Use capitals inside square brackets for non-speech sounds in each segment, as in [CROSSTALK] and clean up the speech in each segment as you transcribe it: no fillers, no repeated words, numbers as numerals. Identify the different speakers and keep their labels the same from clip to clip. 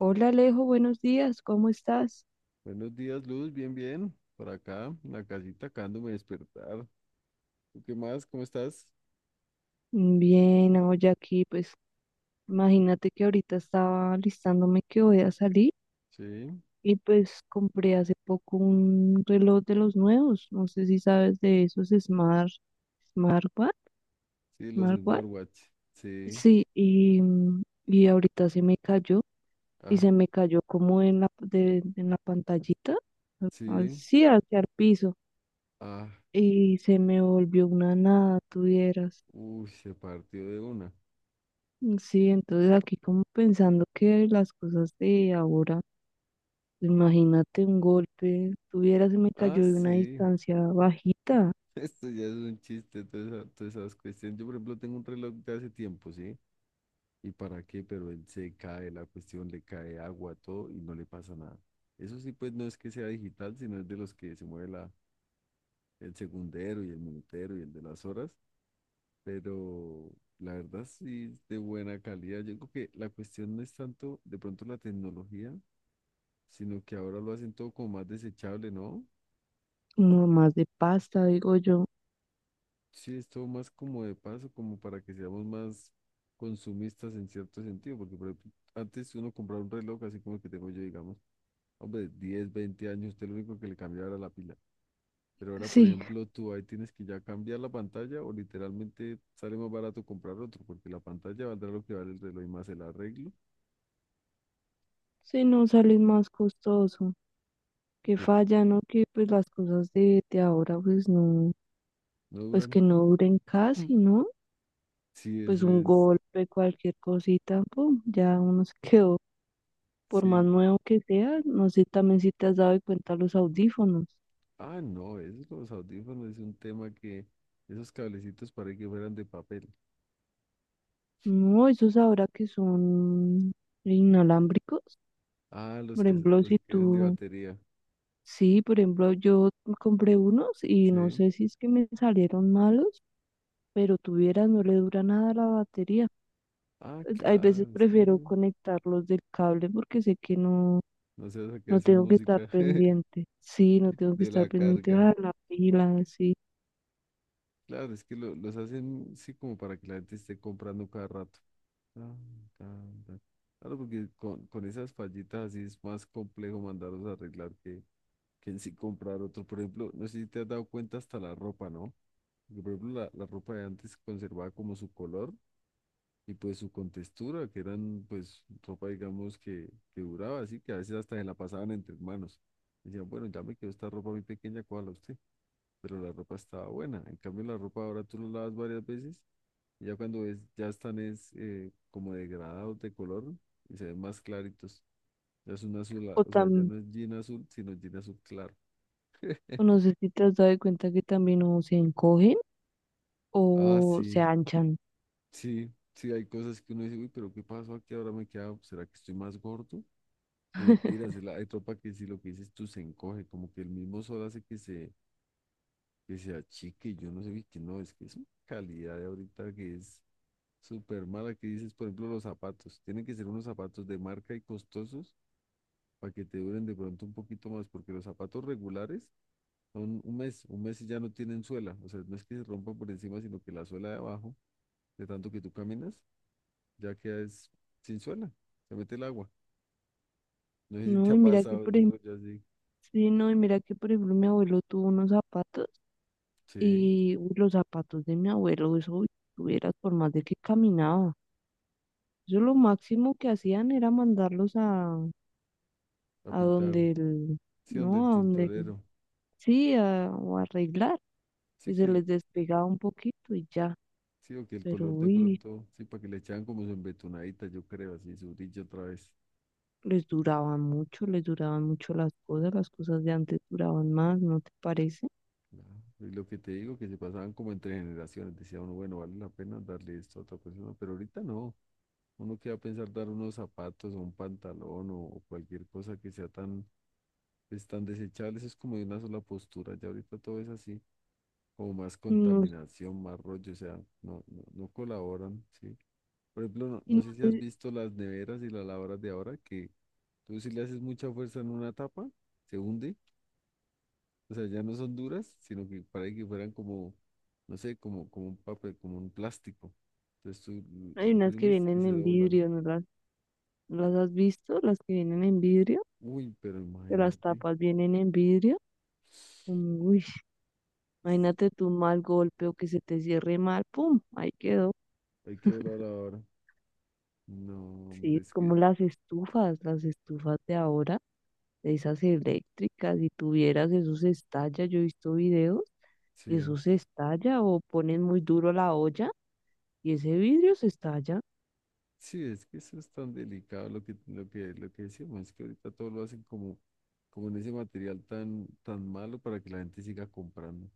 Speaker 1: Hola Alejo, buenos días, ¿cómo estás?
Speaker 2: Buenos días, Luz, bien, bien. Por acá, en la casita, acabándome de despertar. ¿Tú qué más? ¿Cómo estás?
Speaker 1: Bien, hoy aquí, pues imagínate que ahorita estaba listándome que voy a salir
Speaker 2: Sí,
Speaker 1: y pues compré hace poco un reloj de los nuevos, no sé si sabes de esos Smart, Smartwatch,
Speaker 2: sí, los
Speaker 1: Smartwatch.
Speaker 2: smartwatch. Sí,
Speaker 1: Sí, y, y ahorita se me cayó y
Speaker 2: ah,
Speaker 1: se me cayó como en en la pantallita,
Speaker 2: sí,
Speaker 1: así hacia el piso
Speaker 2: ah,
Speaker 1: y se me volvió una nada, tuvieras.
Speaker 2: uy, se partió de una.
Speaker 1: Sí, entonces aquí como pensando que las cosas de ahora, imagínate un golpe, tuviera, se me
Speaker 2: Ah,
Speaker 1: cayó de una
Speaker 2: sí,
Speaker 1: distancia bajita,
Speaker 2: [LAUGHS] esto ya es un chiste, todas esas cuestiones. Yo, por ejemplo, tengo un reloj de hace tiempo, ¿sí? ¿Y para qué? Pero él se cae, la cuestión le cae agua, todo, y no le pasa nada. Eso sí, pues no es que sea digital, sino es de los que se mueve la, el segundero y el minutero y el de las horas. Pero la verdad sí es de buena calidad. Yo creo que la cuestión no es tanto de pronto la tecnología, sino que ahora lo hacen todo como más desechable, ¿no?
Speaker 1: como más de pasta, digo yo.
Speaker 2: Sí, es todo más como de paso, como para que seamos más consumistas en cierto sentido, porque por ejemplo, antes uno compraba un reloj así como el que tengo yo, digamos, hombre, 10, 20 años, usted lo único que le cambiaba era la pila. Pero ahora, por
Speaker 1: Sí,
Speaker 2: ejemplo, tú ahí tienes que ya cambiar la pantalla o literalmente sale más barato comprar otro, porque la pantalla valdrá lo que vale el reloj y más el arreglo
Speaker 1: sí, no sale más costoso, que
Speaker 2: que
Speaker 1: falla, ¿no? Que pues las cosas de ahora, pues no,
Speaker 2: no
Speaker 1: pues
Speaker 2: duran.
Speaker 1: que
Speaker 2: [LAUGHS]
Speaker 1: no duren casi, ¿no?
Speaker 2: Sí,
Speaker 1: Pues
Speaker 2: eso
Speaker 1: un
Speaker 2: es.
Speaker 1: golpe, cualquier cosita, pum, ya uno se [LAUGHS] quedó, por más
Speaker 2: Sí.
Speaker 1: nuevo que sea, no sé también si te has dado cuenta los audífonos.
Speaker 2: Ah, no, esos los audífonos, es un tema que esos cablecitos para que fueran de papel.
Speaker 1: No, esos ahora que son inalámbricos.
Speaker 2: Ah,
Speaker 1: Por ejemplo,
Speaker 2: los
Speaker 1: si
Speaker 2: que quedan de
Speaker 1: tú,
Speaker 2: batería.
Speaker 1: sí, por ejemplo, yo compré unos y no
Speaker 2: Sí.
Speaker 1: sé si es que me salieron malos, pero tuvieras, no le dura nada a la batería.
Speaker 2: Ah,
Speaker 1: Hay veces
Speaker 2: claro, es que
Speaker 1: prefiero conectarlos del cable porque sé que no,
Speaker 2: no se va a
Speaker 1: no
Speaker 2: quedar sin
Speaker 1: tengo que estar
Speaker 2: música
Speaker 1: pendiente. Sí, no
Speaker 2: [LAUGHS]
Speaker 1: tengo que
Speaker 2: de
Speaker 1: estar
Speaker 2: la
Speaker 1: pendiente
Speaker 2: carga.
Speaker 1: a la pila, sí.
Speaker 2: Claro, es que los hacen sí como para que la gente esté comprando cada rato. Tan, tan, tan. Claro, porque con esas fallitas así es más complejo mandarlos a arreglar que en sí comprar otro. Por ejemplo, no sé si te has dado cuenta hasta la ropa, ¿no? Porque, por ejemplo, la ropa de antes conservaba como su color y pues su contextura, que eran pues ropa, digamos, que duraba, así que a veces hasta se la pasaban entre manos. Decían, bueno, ya me quedó esta ropa muy pequeña, cuál a usted, pero la ropa estaba buena. En cambio, la ropa ahora tú la lavas varias veces y ya cuando ves, ya están es como degradados de color y se ven más claritos. Ya es un azul, ah,
Speaker 1: O
Speaker 2: o sea, ya
Speaker 1: también,
Speaker 2: no es jean azul, sino jean azul claro.
Speaker 1: no sé si te has dado cuenta que también o se encogen
Speaker 2: Ah,
Speaker 1: o se
Speaker 2: sí.
Speaker 1: anchan.
Speaker 2: Sí, sí, hay cosas que uno dice, uy, pero ¿qué pasó aquí? Ahora me queda, ¿será que estoy más gordo? Y mentiras, hay tropa que si lo que dices tú se encoge, como que el mismo sol hace que se achique, yo no sé, vi que no, es que es una calidad de ahorita que es súper mala, que dices, por ejemplo, los zapatos, tienen que ser unos zapatos de marca y costosos para que te duren de pronto un poquito más, porque los zapatos regulares son un mes y ya no tienen suela, o sea, no es que se rompan por encima, sino que la suela de abajo, de tanto que tú caminas ya que es sin suela, se mete el agua. No sé si te
Speaker 1: No,
Speaker 2: ha
Speaker 1: y mira que,
Speaker 2: pasado
Speaker 1: por
Speaker 2: ese
Speaker 1: ejemplo,
Speaker 2: rollo así.
Speaker 1: sí, no, y mira que por ejemplo mi abuelo tuvo unos zapatos
Speaker 2: Sí,
Speaker 1: y uy, los zapatos de mi abuelo, eso uy, tuvieras por más de que caminaba. Eso lo máximo que hacían era mandarlos
Speaker 2: a
Speaker 1: a
Speaker 2: pintar,
Speaker 1: donde el,
Speaker 2: sí, donde el
Speaker 1: no,
Speaker 2: tintorero.
Speaker 1: sí, o arreglar, y
Speaker 2: Sí
Speaker 1: se
Speaker 2: que el,
Speaker 1: les despegaba un poquito y ya,
Speaker 2: sí, o que el
Speaker 1: pero
Speaker 2: color de
Speaker 1: uy,
Speaker 2: pronto, sí, para que le echaban como su embetunadita, yo creo, así, su brillo otra vez.
Speaker 1: les duraban mucho las cosas de antes duraban más, ¿no te parece?
Speaker 2: Claro. Y lo que te digo, que se pasaban como entre generaciones, decía uno, bueno, vale la pena darle esto a otra persona, pero ahorita no. Uno que va a pensar dar unos zapatos o un pantalón o cualquier cosa que sea tan, pues, tan desechable, eso es como de una sola postura, ya ahorita todo es así. Como más
Speaker 1: Y no,
Speaker 2: contaminación, más rollo, o sea, no, no, no colaboran, ¿sí? Por ejemplo, no,
Speaker 1: y
Speaker 2: no
Speaker 1: no
Speaker 2: sé si has
Speaker 1: sé,
Speaker 2: visto las neveras y las lavadoras de ahora, que tú si le haces mucha fuerza en una tapa, se hunde, o sea, ya no son duras, sino que parece que fueran como, no sé, como, como un papel, como un plástico. Entonces tú
Speaker 1: hay
Speaker 2: lo
Speaker 1: unas que
Speaker 2: oprimes y
Speaker 1: vienen
Speaker 2: se
Speaker 1: en
Speaker 2: doblan.
Speaker 1: vidrio, no las has visto? Las que vienen en vidrio.
Speaker 2: Uy, pero
Speaker 1: Que las
Speaker 2: imagínate,
Speaker 1: tapas vienen en vidrio. Uy, imagínate tú un mal golpe o que se te cierre mal, pum, ahí quedó.
Speaker 2: hay que doblar ahora. No,
Speaker 1: Sí,
Speaker 2: hombre,
Speaker 1: es
Speaker 2: es
Speaker 1: como
Speaker 2: que,
Speaker 1: las estufas de ahora, de esas eléctricas, si tuvieras eso se estalla, yo he visto videos y eso
Speaker 2: sí.
Speaker 1: se estalla o ponen muy duro la olla y ese vidrio se estalla.
Speaker 2: Sí, es que eso es tan delicado lo que, lo que, lo que decíamos, es que ahorita todo lo hacen como, como en ese material tan, tan malo para que la gente siga comprando,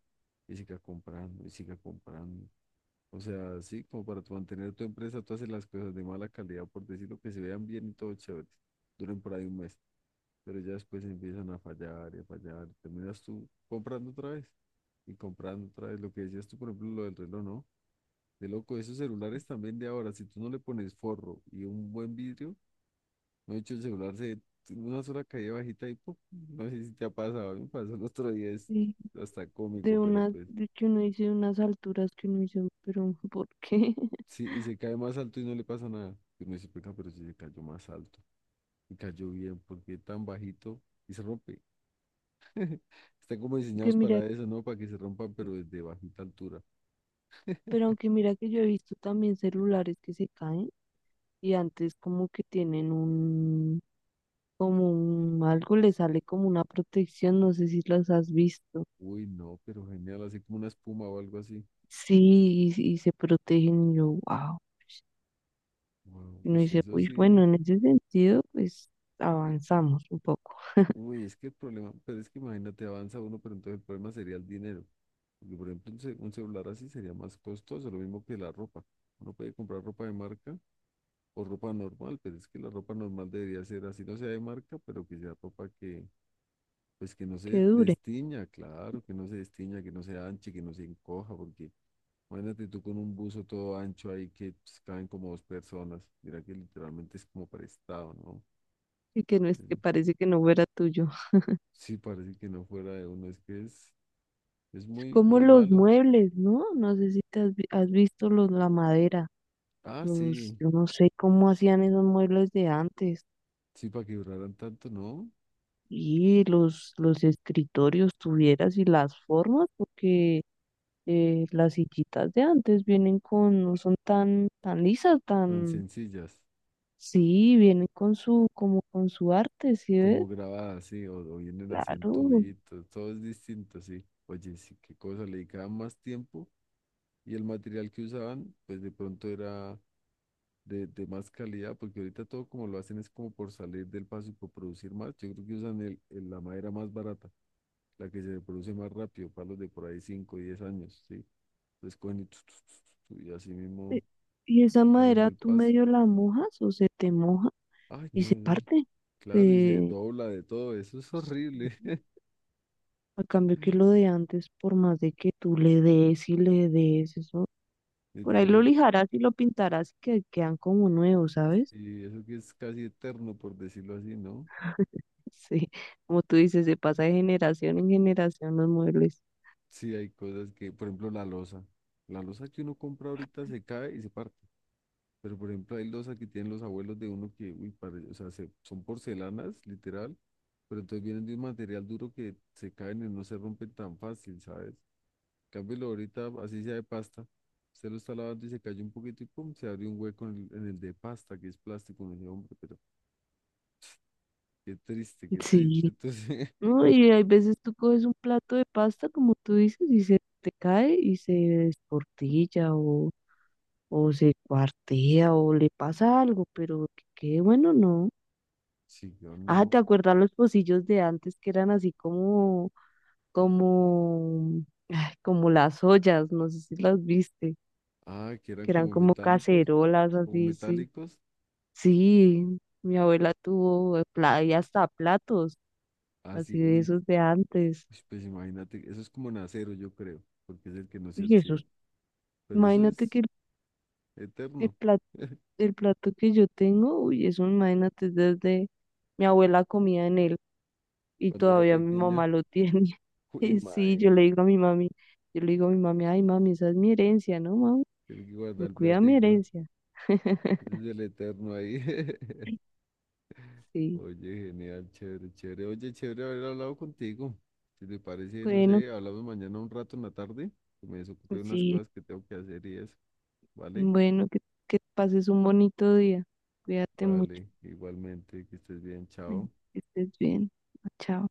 Speaker 2: y siga comprando, y siga comprando. O sea, sí, como para tu mantener tu empresa, tú haces las cosas de mala calidad, por decirlo, que se vean bien y todo chévere, duren por ahí un mes, pero ya después empiezan a fallar, y terminas tú comprando otra vez, y comprando otra vez, lo que decías tú, por ejemplo, lo del reloj, ¿no? De loco, esos celulares también de ahora, si tú no le pones forro y un buen vidrio, no he hecho el celular se una sola caída bajita y ¡pum! No sé si te ha pasado, a mí me pasó el otro día, es
Speaker 1: Sí,
Speaker 2: hasta
Speaker 1: de
Speaker 2: cómico, pero
Speaker 1: unas,
Speaker 2: pues
Speaker 1: de que uno dice unas alturas que uno dice, pero ¿por qué? [LAUGHS]
Speaker 2: sí, y se cae más alto y no le pasa nada. Y uno dice, "Venga, pero si se cayó más alto y cayó bien, ¿porque tan bajito y se rompe?" [LAUGHS] Están como
Speaker 1: Que
Speaker 2: diseñados
Speaker 1: mira,
Speaker 2: para eso, ¿no? Para que se rompan, pero desde bajita altura.
Speaker 1: pero aunque mira que yo he visto también celulares que se caen y antes como que tienen un, algo le sale como una protección, no sé si las has visto.
Speaker 2: Uy, no, pero genial, así como una espuma o algo así.
Speaker 1: Sí, y se protegen, y yo, wow.
Speaker 2: Wow,
Speaker 1: Y
Speaker 2: uy,
Speaker 1: uno dice,
Speaker 2: eso
Speaker 1: uy, bueno,
Speaker 2: sí.
Speaker 1: en ese sentido, pues avanzamos un poco, [LAUGHS]
Speaker 2: Uy, es que el problema, pero es que imagínate, avanza uno, pero entonces el problema sería el dinero. Porque, por ejemplo, un celular así sería más costoso, lo mismo que la ropa. Uno puede comprar ropa de marca o ropa normal, pero es que la ropa normal debería ser así, no sea de marca, pero que sea ropa que, pues que no
Speaker 1: que
Speaker 2: se
Speaker 1: dure,
Speaker 2: destiña, claro, que no se destiña, que no se anche, que no se encoja, porque imagínate tú con un buzo todo ancho ahí que pues, caben como dos personas. Mira que literalmente es como prestado, ¿no?
Speaker 1: y que no es que
Speaker 2: Eh,
Speaker 1: parece que no fuera tuyo. [LAUGHS]
Speaker 2: Sí, parece que no fuera de uno, es que es. Es
Speaker 1: Es
Speaker 2: muy,
Speaker 1: como
Speaker 2: muy
Speaker 1: los
Speaker 2: malo.
Speaker 1: muebles, ¿no? No sé si has visto los, la madera,
Speaker 2: Ah,
Speaker 1: los,
Speaker 2: sí.
Speaker 1: yo no sé cómo hacían esos muebles de antes.
Speaker 2: Sí, para que duraran tanto, ¿no?
Speaker 1: Y los escritorios tuvieras y las formas, porque las sillitas de antes vienen con, no son tan lisas,
Speaker 2: Tan
Speaker 1: tan,
Speaker 2: sencillas.
Speaker 1: sí, vienen con su, como con su arte, ¿sí ves?
Speaker 2: Como grabadas, sí. O vienen así en
Speaker 1: Claro.
Speaker 2: tubitos. Todo es distinto, sí. Oye, sí, qué cosa. Le dedicaban más tiempo. Y el material que usaban, pues de pronto era de más calidad. Porque ahorita todo como lo hacen es como por salir del paso y por producir más. Yo creo que usan el, la madera más barata. La que se produce más rápido. Palos de por ahí 5 o 10 años, sí. Entonces cogen y, y así
Speaker 1: E-
Speaker 2: mismo
Speaker 1: Y esa
Speaker 2: salen
Speaker 1: madera
Speaker 2: del
Speaker 1: tú
Speaker 2: paso.
Speaker 1: medio la mojas o se te moja
Speaker 2: Ay,
Speaker 1: y
Speaker 2: no,
Speaker 1: se parte.
Speaker 2: claro, y se
Speaker 1: Se,
Speaker 2: dobla de todo, eso es
Speaker 1: se-
Speaker 2: horrible, [LAUGHS]
Speaker 1: a cambio que lo de antes, por más de que tú le des y le des eso, por ahí lo
Speaker 2: literalmente,
Speaker 1: lijarás y lo pintarás y que quedan como nuevos, ¿sabes?
Speaker 2: y eso que es casi eterno, por decirlo así, ¿no?
Speaker 1: Sí, como tú dices, se pasa de generación en generación los muebles.
Speaker 2: Sí, hay cosas que, por ejemplo, la loza que uno compra ahorita se cae y se parte, pero por ejemplo, hay loza que tienen los abuelos de uno que, uy, o sea, son porcelanas, literal, pero entonces vienen de un material duro que se caen y no se rompen tan fácil, ¿sabes? Cámbialo ahorita, así sea de pasta. Usted lo está lavando y se cayó un poquito y pum, se abrió un hueco en el, de pasta, que es plástico. Me decía, hombre, pero qué triste, qué triste.
Speaker 1: Sí,
Speaker 2: Entonces,
Speaker 1: no, y hay veces tú coges un plato de pasta, como tú dices, y se te cae y se desportilla o se cuartea o le pasa algo, pero qué bueno, no.
Speaker 2: [LAUGHS] sí, yo
Speaker 1: Ah, ¿te
Speaker 2: no.
Speaker 1: acuerdas los pocillos de antes que eran así como, como, ay, como las ollas? No sé si las viste,
Speaker 2: Ah, que eran
Speaker 1: que eran
Speaker 2: como
Speaker 1: como
Speaker 2: metálicos,
Speaker 1: cacerolas
Speaker 2: como
Speaker 1: así, sí.
Speaker 2: metálicos.
Speaker 1: Sí, mi abuela tuvo y hasta platos, así
Speaker 2: Así,
Speaker 1: de
Speaker 2: uy,
Speaker 1: esos de antes.
Speaker 2: uy, pues imagínate, eso es como en acero, yo creo, porque es el que no se
Speaker 1: Uy,
Speaker 2: oxida.
Speaker 1: esos,
Speaker 2: Pero eso
Speaker 1: imagínate
Speaker 2: es
Speaker 1: que el
Speaker 2: eterno.
Speaker 1: plato,
Speaker 2: [LAUGHS]
Speaker 1: el plato que yo tengo, uy, eso imagínate desde mi abuela comía en él y
Speaker 2: Cuando era
Speaker 1: todavía mi
Speaker 2: pequeña,
Speaker 1: mamá lo tiene. [LAUGHS]
Speaker 2: uy,
Speaker 1: Y sí, yo le
Speaker 2: imagínate,
Speaker 1: digo a mi mami, yo le digo a mi mami, ay mami, esa es mi herencia, ¿no, mami?
Speaker 2: tiene que
Speaker 1: Me
Speaker 2: guardar el
Speaker 1: cuida mi
Speaker 2: platico.
Speaker 1: herencia.
Speaker 2: Ese
Speaker 1: [LAUGHS]
Speaker 2: es el eterno ahí. [LAUGHS]
Speaker 1: Sí,
Speaker 2: Oye, genial, chévere, chévere. Oye, chévere haber hablado contigo. Si te parece, no
Speaker 1: bueno,
Speaker 2: sé, hablamos mañana un rato en la tarde. Que me desocupé de unas
Speaker 1: sí,
Speaker 2: cosas que tengo que hacer y eso. ¿Vale?
Speaker 1: bueno, que pases un bonito día. Cuídate mucho.
Speaker 2: Vale, igualmente, que estés bien,
Speaker 1: Bueno,
Speaker 2: chao.
Speaker 1: que estés bien. Chao.